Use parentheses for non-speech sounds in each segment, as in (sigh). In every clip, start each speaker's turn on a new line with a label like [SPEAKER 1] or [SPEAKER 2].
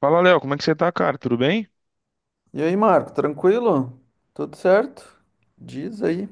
[SPEAKER 1] Fala, Léo, como é que você tá, cara? Tudo bem?
[SPEAKER 2] E aí, Marco, tranquilo? Tudo certo? Diz aí.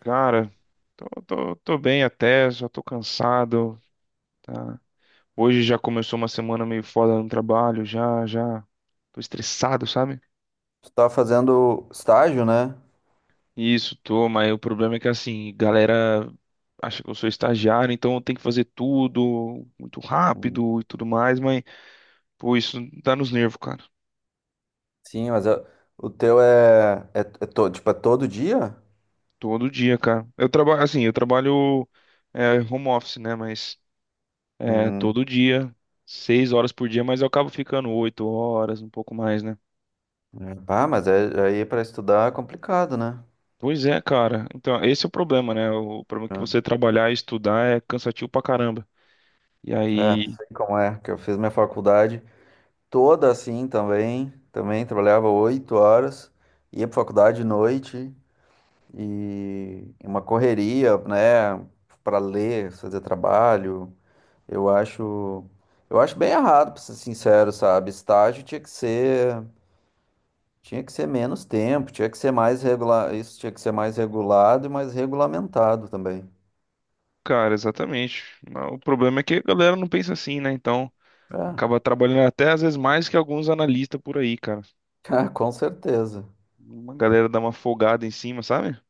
[SPEAKER 1] Cara, tô bem até, só tô cansado, tá? Hoje já começou uma semana meio foda no trabalho, já tô estressado, sabe?
[SPEAKER 2] Tu tá fazendo estágio, né?
[SPEAKER 1] Isso, tô, mas o problema é que assim, galera acha que eu sou estagiário, então eu tenho que fazer tudo muito
[SPEAKER 2] Uhum.
[SPEAKER 1] rápido e tudo mais, mas, pô, isso dá nos nervos, cara.
[SPEAKER 2] Sim, mas o teu é todo, tipo, é todo dia?
[SPEAKER 1] Todo dia, cara. Eu trabalho, assim, eu trabalho home office, né? Mas
[SPEAKER 2] Uhum.
[SPEAKER 1] todo dia, 6 horas por dia, mas eu acabo ficando 8 horas, um pouco mais, né?
[SPEAKER 2] É, pá, mas é, aí para estudar é complicado, né?
[SPEAKER 1] Pois é, cara. Então, esse é o problema, né? O problema é que você trabalhar e estudar é cansativo pra caramba. E
[SPEAKER 2] É, é,
[SPEAKER 1] aí,
[SPEAKER 2] sei como é, que eu fiz minha faculdade toda assim também, também trabalhava 8 horas, ia pra faculdade de noite e uma correria, né, pra ler, fazer trabalho. Eu acho, eu acho bem errado, pra ser sincero, sabe? Estágio tinha que ser menos tempo, tinha que ser mais regular, isso tinha que ser mais regulado e mais regulamentado também.
[SPEAKER 1] cara, exatamente. Mas o problema é que a galera não pensa assim, né? Então,
[SPEAKER 2] É,
[SPEAKER 1] acaba trabalhando até às vezes mais que alguns analistas por aí, cara.
[SPEAKER 2] (laughs) é, com certeza.
[SPEAKER 1] Uma galera dá uma folgada em cima, sabe?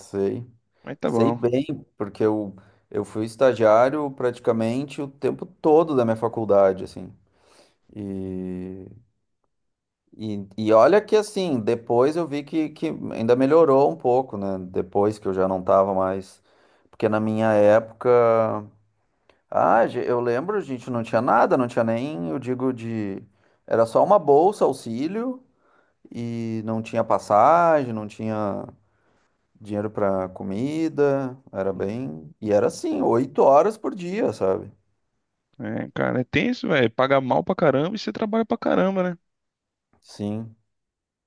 [SPEAKER 2] Sei.
[SPEAKER 1] Mas tá
[SPEAKER 2] Sei
[SPEAKER 1] bom.
[SPEAKER 2] bem, porque eu fui estagiário praticamente o tempo todo da minha faculdade, assim. E, e e olha que assim, depois eu vi que ainda melhorou um pouco, né? Depois que eu já não estava mais. Porque na minha época. Ah, eu lembro, gente não tinha nada, não tinha nem, eu digo, de. Era só uma bolsa, auxílio, e não tinha passagem, não tinha dinheiro pra comida, era
[SPEAKER 1] Uhum.
[SPEAKER 2] bem. E era assim, 8 horas por dia, sabe?
[SPEAKER 1] É, cara, é tenso, velho. Paga mal pra caramba e você trabalha pra caramba, né?
[SPEAKER 2] Sim.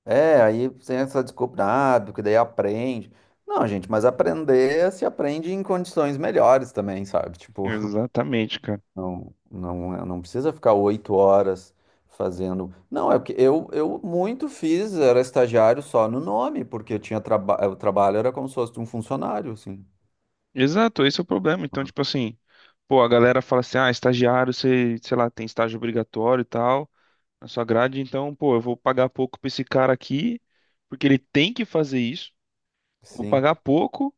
[SPEAKER 2] É, aí tem essa desculpa, ah, porque daí aprende. Não, gente, mas aprender se aprende em condições melhores também, sabe?
[SPEAKER 1] (laughs)
[SPEAKER 2] Tipo.
[SPEAKER 1] Exatamente, cara.
[SPEAKER 2] Não, não, é, não precisa ficar 8 horas fazendo. Não, é porque eu muito fiz, era estagiário só no nome, porque eu tinha o trabalho era como se fosse um funcionário, assim.
[SPEAKER 1] Exato, esse é o problema. Então, tipo assim, pô, a galera fala assim, ah, estagiário, você, sei lá, tem estágio obrigatório e tal, na sua grade, então, pô, eu vou pagar pouco pra esse cara aqui, porque ele tem que fazer isso. Vou
[SPEAKER 2] Sim,
[SPEAKER 1] pagar pouco,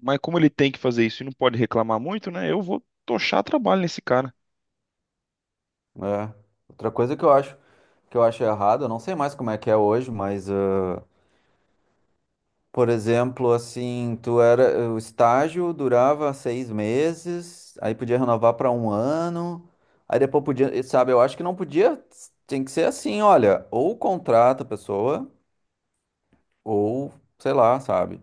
[SPEAKER 1] mas como ele tem que fazer isso e não pode reclamar muito, né? Eu vou tochar trabalho nesse cara.
[SPEAKER 2] é. Outra coisa que eu acho errado, eu não sei mais como é que é hoje, mas ah, por exemplo, assim, tu era o estágio durava 6 meses, aí podia renovar para um ano. Aí depois podia, sabe, eu acho que não podia, tem que ser assim, olha, ou contrata a pessoa ou, sei lá, sabe?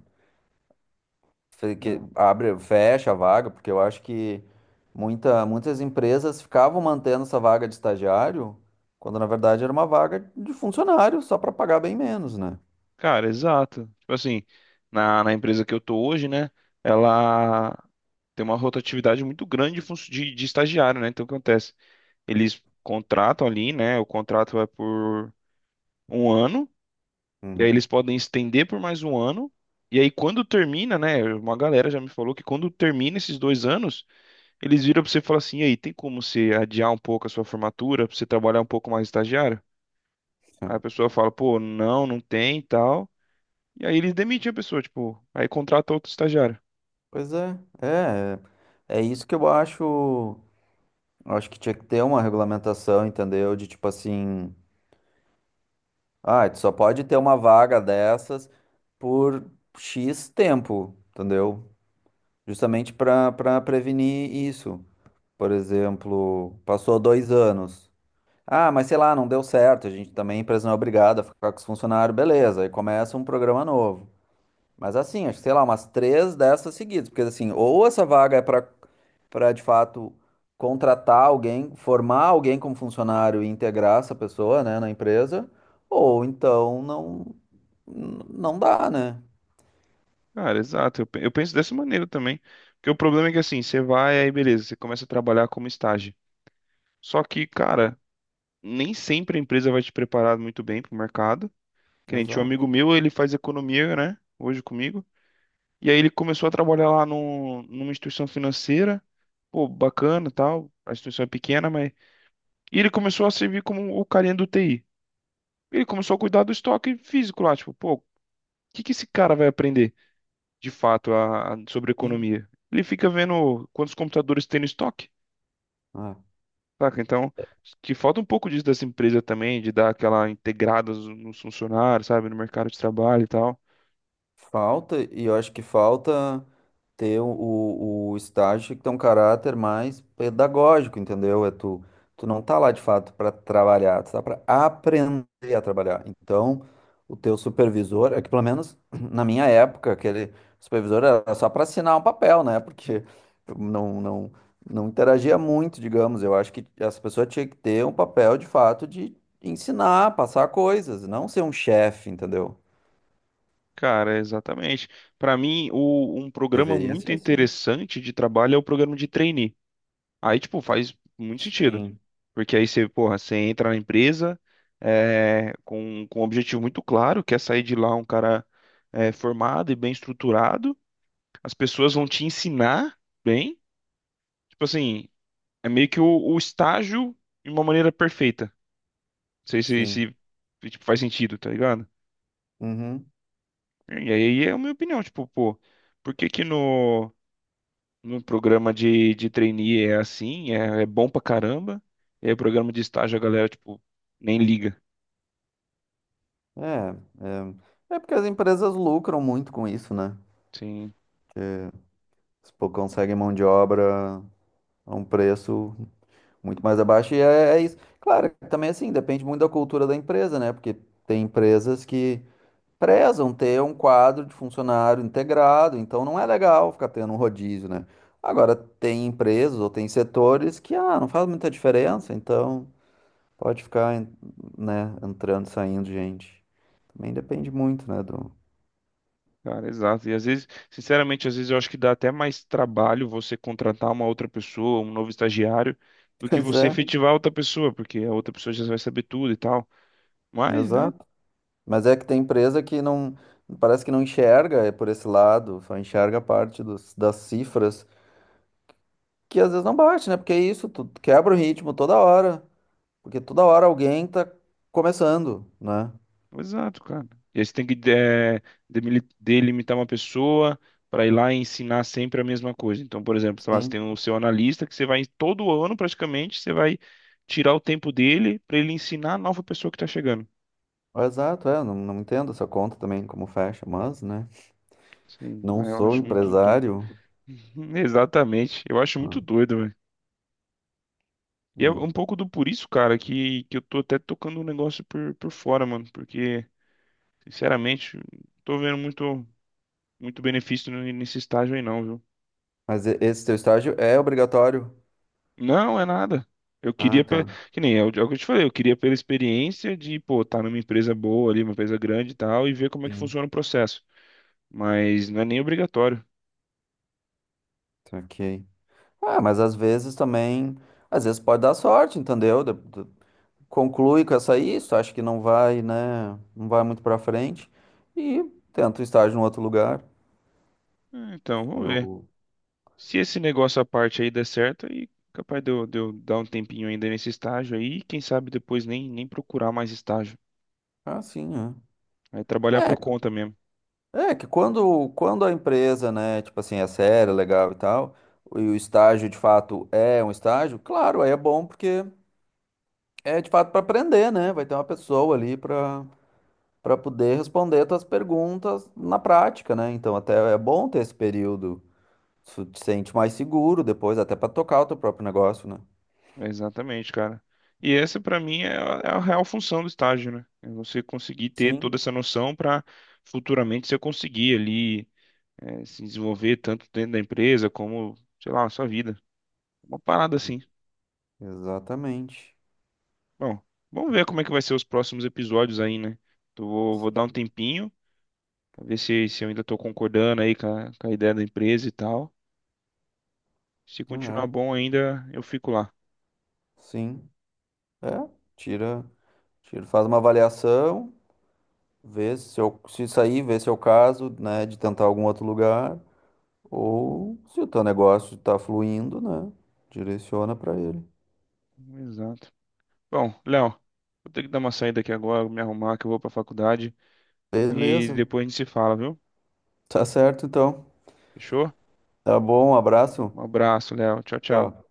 [SPEAKER 2] Que
[SPEAKER 1] É.
[SPEAKER 2] abre, fecha a vaga, porque eu acho que muitas empresas ficavam mantendo essa vaga de estagiário, quando na verdade era uma vaga de funcionário, só para pagar bem menos, né?
[SPEAKER 1] Cara, exato. Tipo assim, na empresa que eu tô hoje, né? Ela tem uma rotatividade muito grande de, funcio- de estagiário, né? Então, o que acontece? Eles contratam ali, né? O contrato é por um ano, e aí
[SPEAKER 2] Uhum.
[SPEAKER 1] eles podem estender por mais um ano. E aí, quando termina, né? Uma galera já me falou que quando termina esses 2 anos, eles viram pra você e falam assim: e aí, tem como você adiar um pouco a sua formatura, pra você trabalhar um pouco mais estagiário? Aí a
[SPEAKER 2] (laughs)
[SPEAKER 1] pessoa fala: pô, não, não tem e tal. E aí eles demitem a pessoa, tipo, aí contrata outro estagiário.
[SPEAKER 2] Pois é isso que eu acho que tinha que ter uma regulamentação, entendeu? De tipo assim, ah, tu só pode ter uma vaga dessas por X tempo, entendeu? Justamente para prevenir isso. Por exemplo, passou 2 anos. Ah, mas sei lá, não deu certo. A gente também, a empresa não é obrigada a ficar com os funcionários, beleza. Aí começa um programa novo. Mas assim, acho que sei lá, umas três dessas seguidas. Porque assim, ou essa vaga é para de fato contratar alguém, formar alguém como funcionário e integrar essa pessoa, né, na empresa, ou então não, não dá, né?
[SPEAKER 1] Cara, exato, eu penso dessa maneira também. Porque o problema é que assim, você vai, aí beleza, você começa a trabalhar como estágio. Só que, cara, nem sempre a empresa vai te preparar muito bem pro mercado. Que nem tinha um
[SPEAKER 2] Exato.
[SPEAKER 1] amigo meu, ele faz economia, né? Hoje comigo. E aí ele começou a trabalhar lá numa instituição financeira. Pô, bacana e tal. A instituição é pequena, mas. E ele começou a servir como o carinha do TI. Ele começou a cuidar do estoque físico lá. Tipo, pô, o que que esse cara vai aprender de fato sobre
[SPEAKER 2] Sim.
[SPEAKER 1] economia? Ele fica vendo quantos computadores tem no estoque.
[SPEAKER 2] É.
[SPEAKER 1] Saca? Então, que falta um pouco disso dessa empresa também, de dar aquela integrada nos funcionários, sabe, no mercado de trabalho e tal.
[SPEAKER 2] Falta, e eu acho que falta ter o estágio que tem um caráter mais pedagógico, entendeu? É tu não tá lá de fato para trabalhar, tu tá para aprender a trabalhar. Então, o teu supervisor, é que pelo menos (clears throat) na minha época, aquele supervisor era só para assinar um papel, né? Porque não, não, não interagia muito, digamos. Eu acho que essa pessoa tinha que ter um papel de fato de ensinar, passar coisas, não ser um chefe, entendeu?
[SPEAKER 1] Cara, exatamente. Para mim, um programa
[SPEAKER 2] Deveria
[SPEAKER 1] muito
[SPEAKER 2] ser assim.
[SPEAKER 1] interessante de trabalho é o programa de trainee. Aí, tipo, faz muito sentido.
[SPEAKER 2] Sim,
[SPEAKER 1] Porque aí você, porra, você entra na empresa com um objetivo muito claro, que é sair de lá um cara formado e bem estruturado. As pessoas vão te ensinar bem. Tipo assim, é meio que o estágio de uma maneira perfeita. Não sei se,
[SPEAKER 2] sim.
[SPEAKER 1] se, tipo, faz sentido, tá ligado?
[SPEAKER 2] Uhum.
[SPEAKER 1] E aí é a minha opinião, tipo, pô, por que que no. No programa de trainee é assim, é, é bom pra caramba. E aí, programa de estágio, a galera, tipo, nem liga.
[SPEAKER 2] É, é é porque as empresas lucram muito com isso, né?
[SPEAKER 1] Sim,
[SPEAKER 2] Se pô, conseguem mão de obra a um preço muito mais abaixo, e é, é isso. Claro, também assim, depende muito da cultura da empresa, né? Porque tem empresas que prezam ter um quadro de funcionário integrado, então não é legal ficar tendo um rodízio, né? Agora, tem empresas ou tem setores que, ah, não faz muita diferença, então pode ficar, né, entrando e saindo gente. Também depende muito, né, do...
[SPEAKER 1] cara, exato. E às vezes, sinceramente, às vezes eu acho que dá até mais trabalho você contratar uma outra pessoa, um novo estagiário,
[SPEAKER 2] (laughs)
[SPEAKER 1] do que
[SPEAKER 2] Pois
[SPEAKER 1] você
[SPEAKER 2] é,
[SPEAKER 1] efetivar outra pessoa, porque a outra pessoa já vai saber tudo e tal. Mas, né?
[SPEAKER 2] exato. Mas é que tem empresa que não, parece que não enxerga é por esse lado, só enxerga a parte dos, das cifras, que às vezes não bate, né? Porque é isso, tu quebra o ritmo toda hora, porque toda hora alguém tá começando, né?
[SPEAKER 1] Exato, cara. E aí você tem que delimitar uma pessoa para ir lá e ensinar sempre a mesma coisa. Então, por exemplo, sei lá, você
[SPEAKER 2] Sim.
[SPEAKER 1] tem o seu analista que você vai todo ano praticamente, você vai tirar o tempo dele para ele ensinar a nova pessoa que está chegando.
[SPEAKER 2] Exato, é, não, não entendo essa conta também como fecha, mas, né,
[SPEAKER 1] Sim,
[SPEAKER 2] não
[SPEAKER 1] aí eu
[SPEAKER 2] sou
[SPEAKER 1] acho muito doido.
[SPEAKER 2] empresário.
[SPEAKER 1] (laughs) Exatamente. Eu acho
[SPEAKER 2] Ah,
[SPEAKER 1] muito doido, velho. E é
[SPEAKER 2] hum.
[SPEAKER 1] um pouco do por isso, cara, que eu tô até tocando o negócio por fora, mano. Porque, sinceramente, não tô vendo muito, muito benefício nesse estágio aí, não, viu?
[SPEAKER 2] Mas esse teu estágio é obrigatório?
[SPEAKER 1] Não, é nada. Eu
[SPEAKER 2] Ah,
[SPEAKER 1] queria,
[SPEAKER 2] tá.
[SPEAKER 1] que nem é o é o que eu te falei, eu queria pela experiência de, pô, estar numa empresa boa ali, uma empresa grande e tal, e ver como é que
[SPEAKER 2] Sim.
[SPEAKER 1] funciona o processo. Mas não é nem obrigatório.
[SPEAKER 2] Ok. Ah, mas às vezes também, às vezes pode dar sorte, entendeu? Conclui com essa aí, se tu acha que não vai, né, não vai muito pra frente e tenta o estágio em outro lugar.
[SPEAKER 1] É. Então, vamos ver.
[SPEAKER 2] Eu,
[SPEAKER 1] Se esse negócio à parte aí der certo, aí capaz de de eu dar um tempinho ainda nesse estágio aí, e quem sabe depois nem procurar mais estágio.
[SPEAKER 2] ah, sim, é.
[SPEAKER 1] Aí trabalhar
[SPEAKER 2] É,
[SPEAKER 1] por
[SPEAKER 2] que
[SPEAKER 1] conta mesmo.
[SPEAKER 2] é que quando a empresa, né, tipo assim, é séria, legal e tal, e o estágio de fato é um estágio, claro, aí é bom porque é de fato para aprender, né? Vai ter uma pessoa ali para poder responder tuas perguntas na prática, né? Então até é bom ter esse período. Tu te sente mais seguro depois, até pra tocar o teu próprio negócio, né?
[SPEAKER 1] É exatamente, cara. E essa pra mim é é a real função do estágio, né? É você conseguir ter
[SPEAKER 2] Sim,
[SPEAKER 1] toda essa noção pra futuramente você conseguir ali se desenvolver tanto dentro da empresa como, sei lá, na sua vida. Uma parada assim.
[SPEAKER 2] exatamente.
[SPEAKER 1] Bom, vamos ver como é que vai ser os próximos episódios aí, né? Então, vou dar um tempinho, pra ver se eu ainda tô concordando aí com a ideia da empresa e tal. Se continuar
[SPEAKER 2] É,
[SPEAKER 1] bom ainda, eu fico lá.
[SPEAKER 2] sim. É, tira, tira, faz uma avaliação, vê se eu, se sair, vê se é o caso, né, de tentar algum outro lugar, ou se o teu negócio tá fluindo, né, direciona pra ele.
[SPEAKER 1] Exato. Bom, Léo, vou ter que dar uma saída aqui agora, me arrumar que eu vou pra faculdade. E
[SPEAKER 2] Beleza,
[SPEAKER 1] depois a gente se fala, viu?
[SPEAKER 2] tá certo então.
[SPEAKER 1] Fechou?
[SPEAKER 2] Tá bom, um abraço.
[SPEAKER 1] Um abraço, Léo. Tchau, tchau.
[SPEAKER 2] Tchau.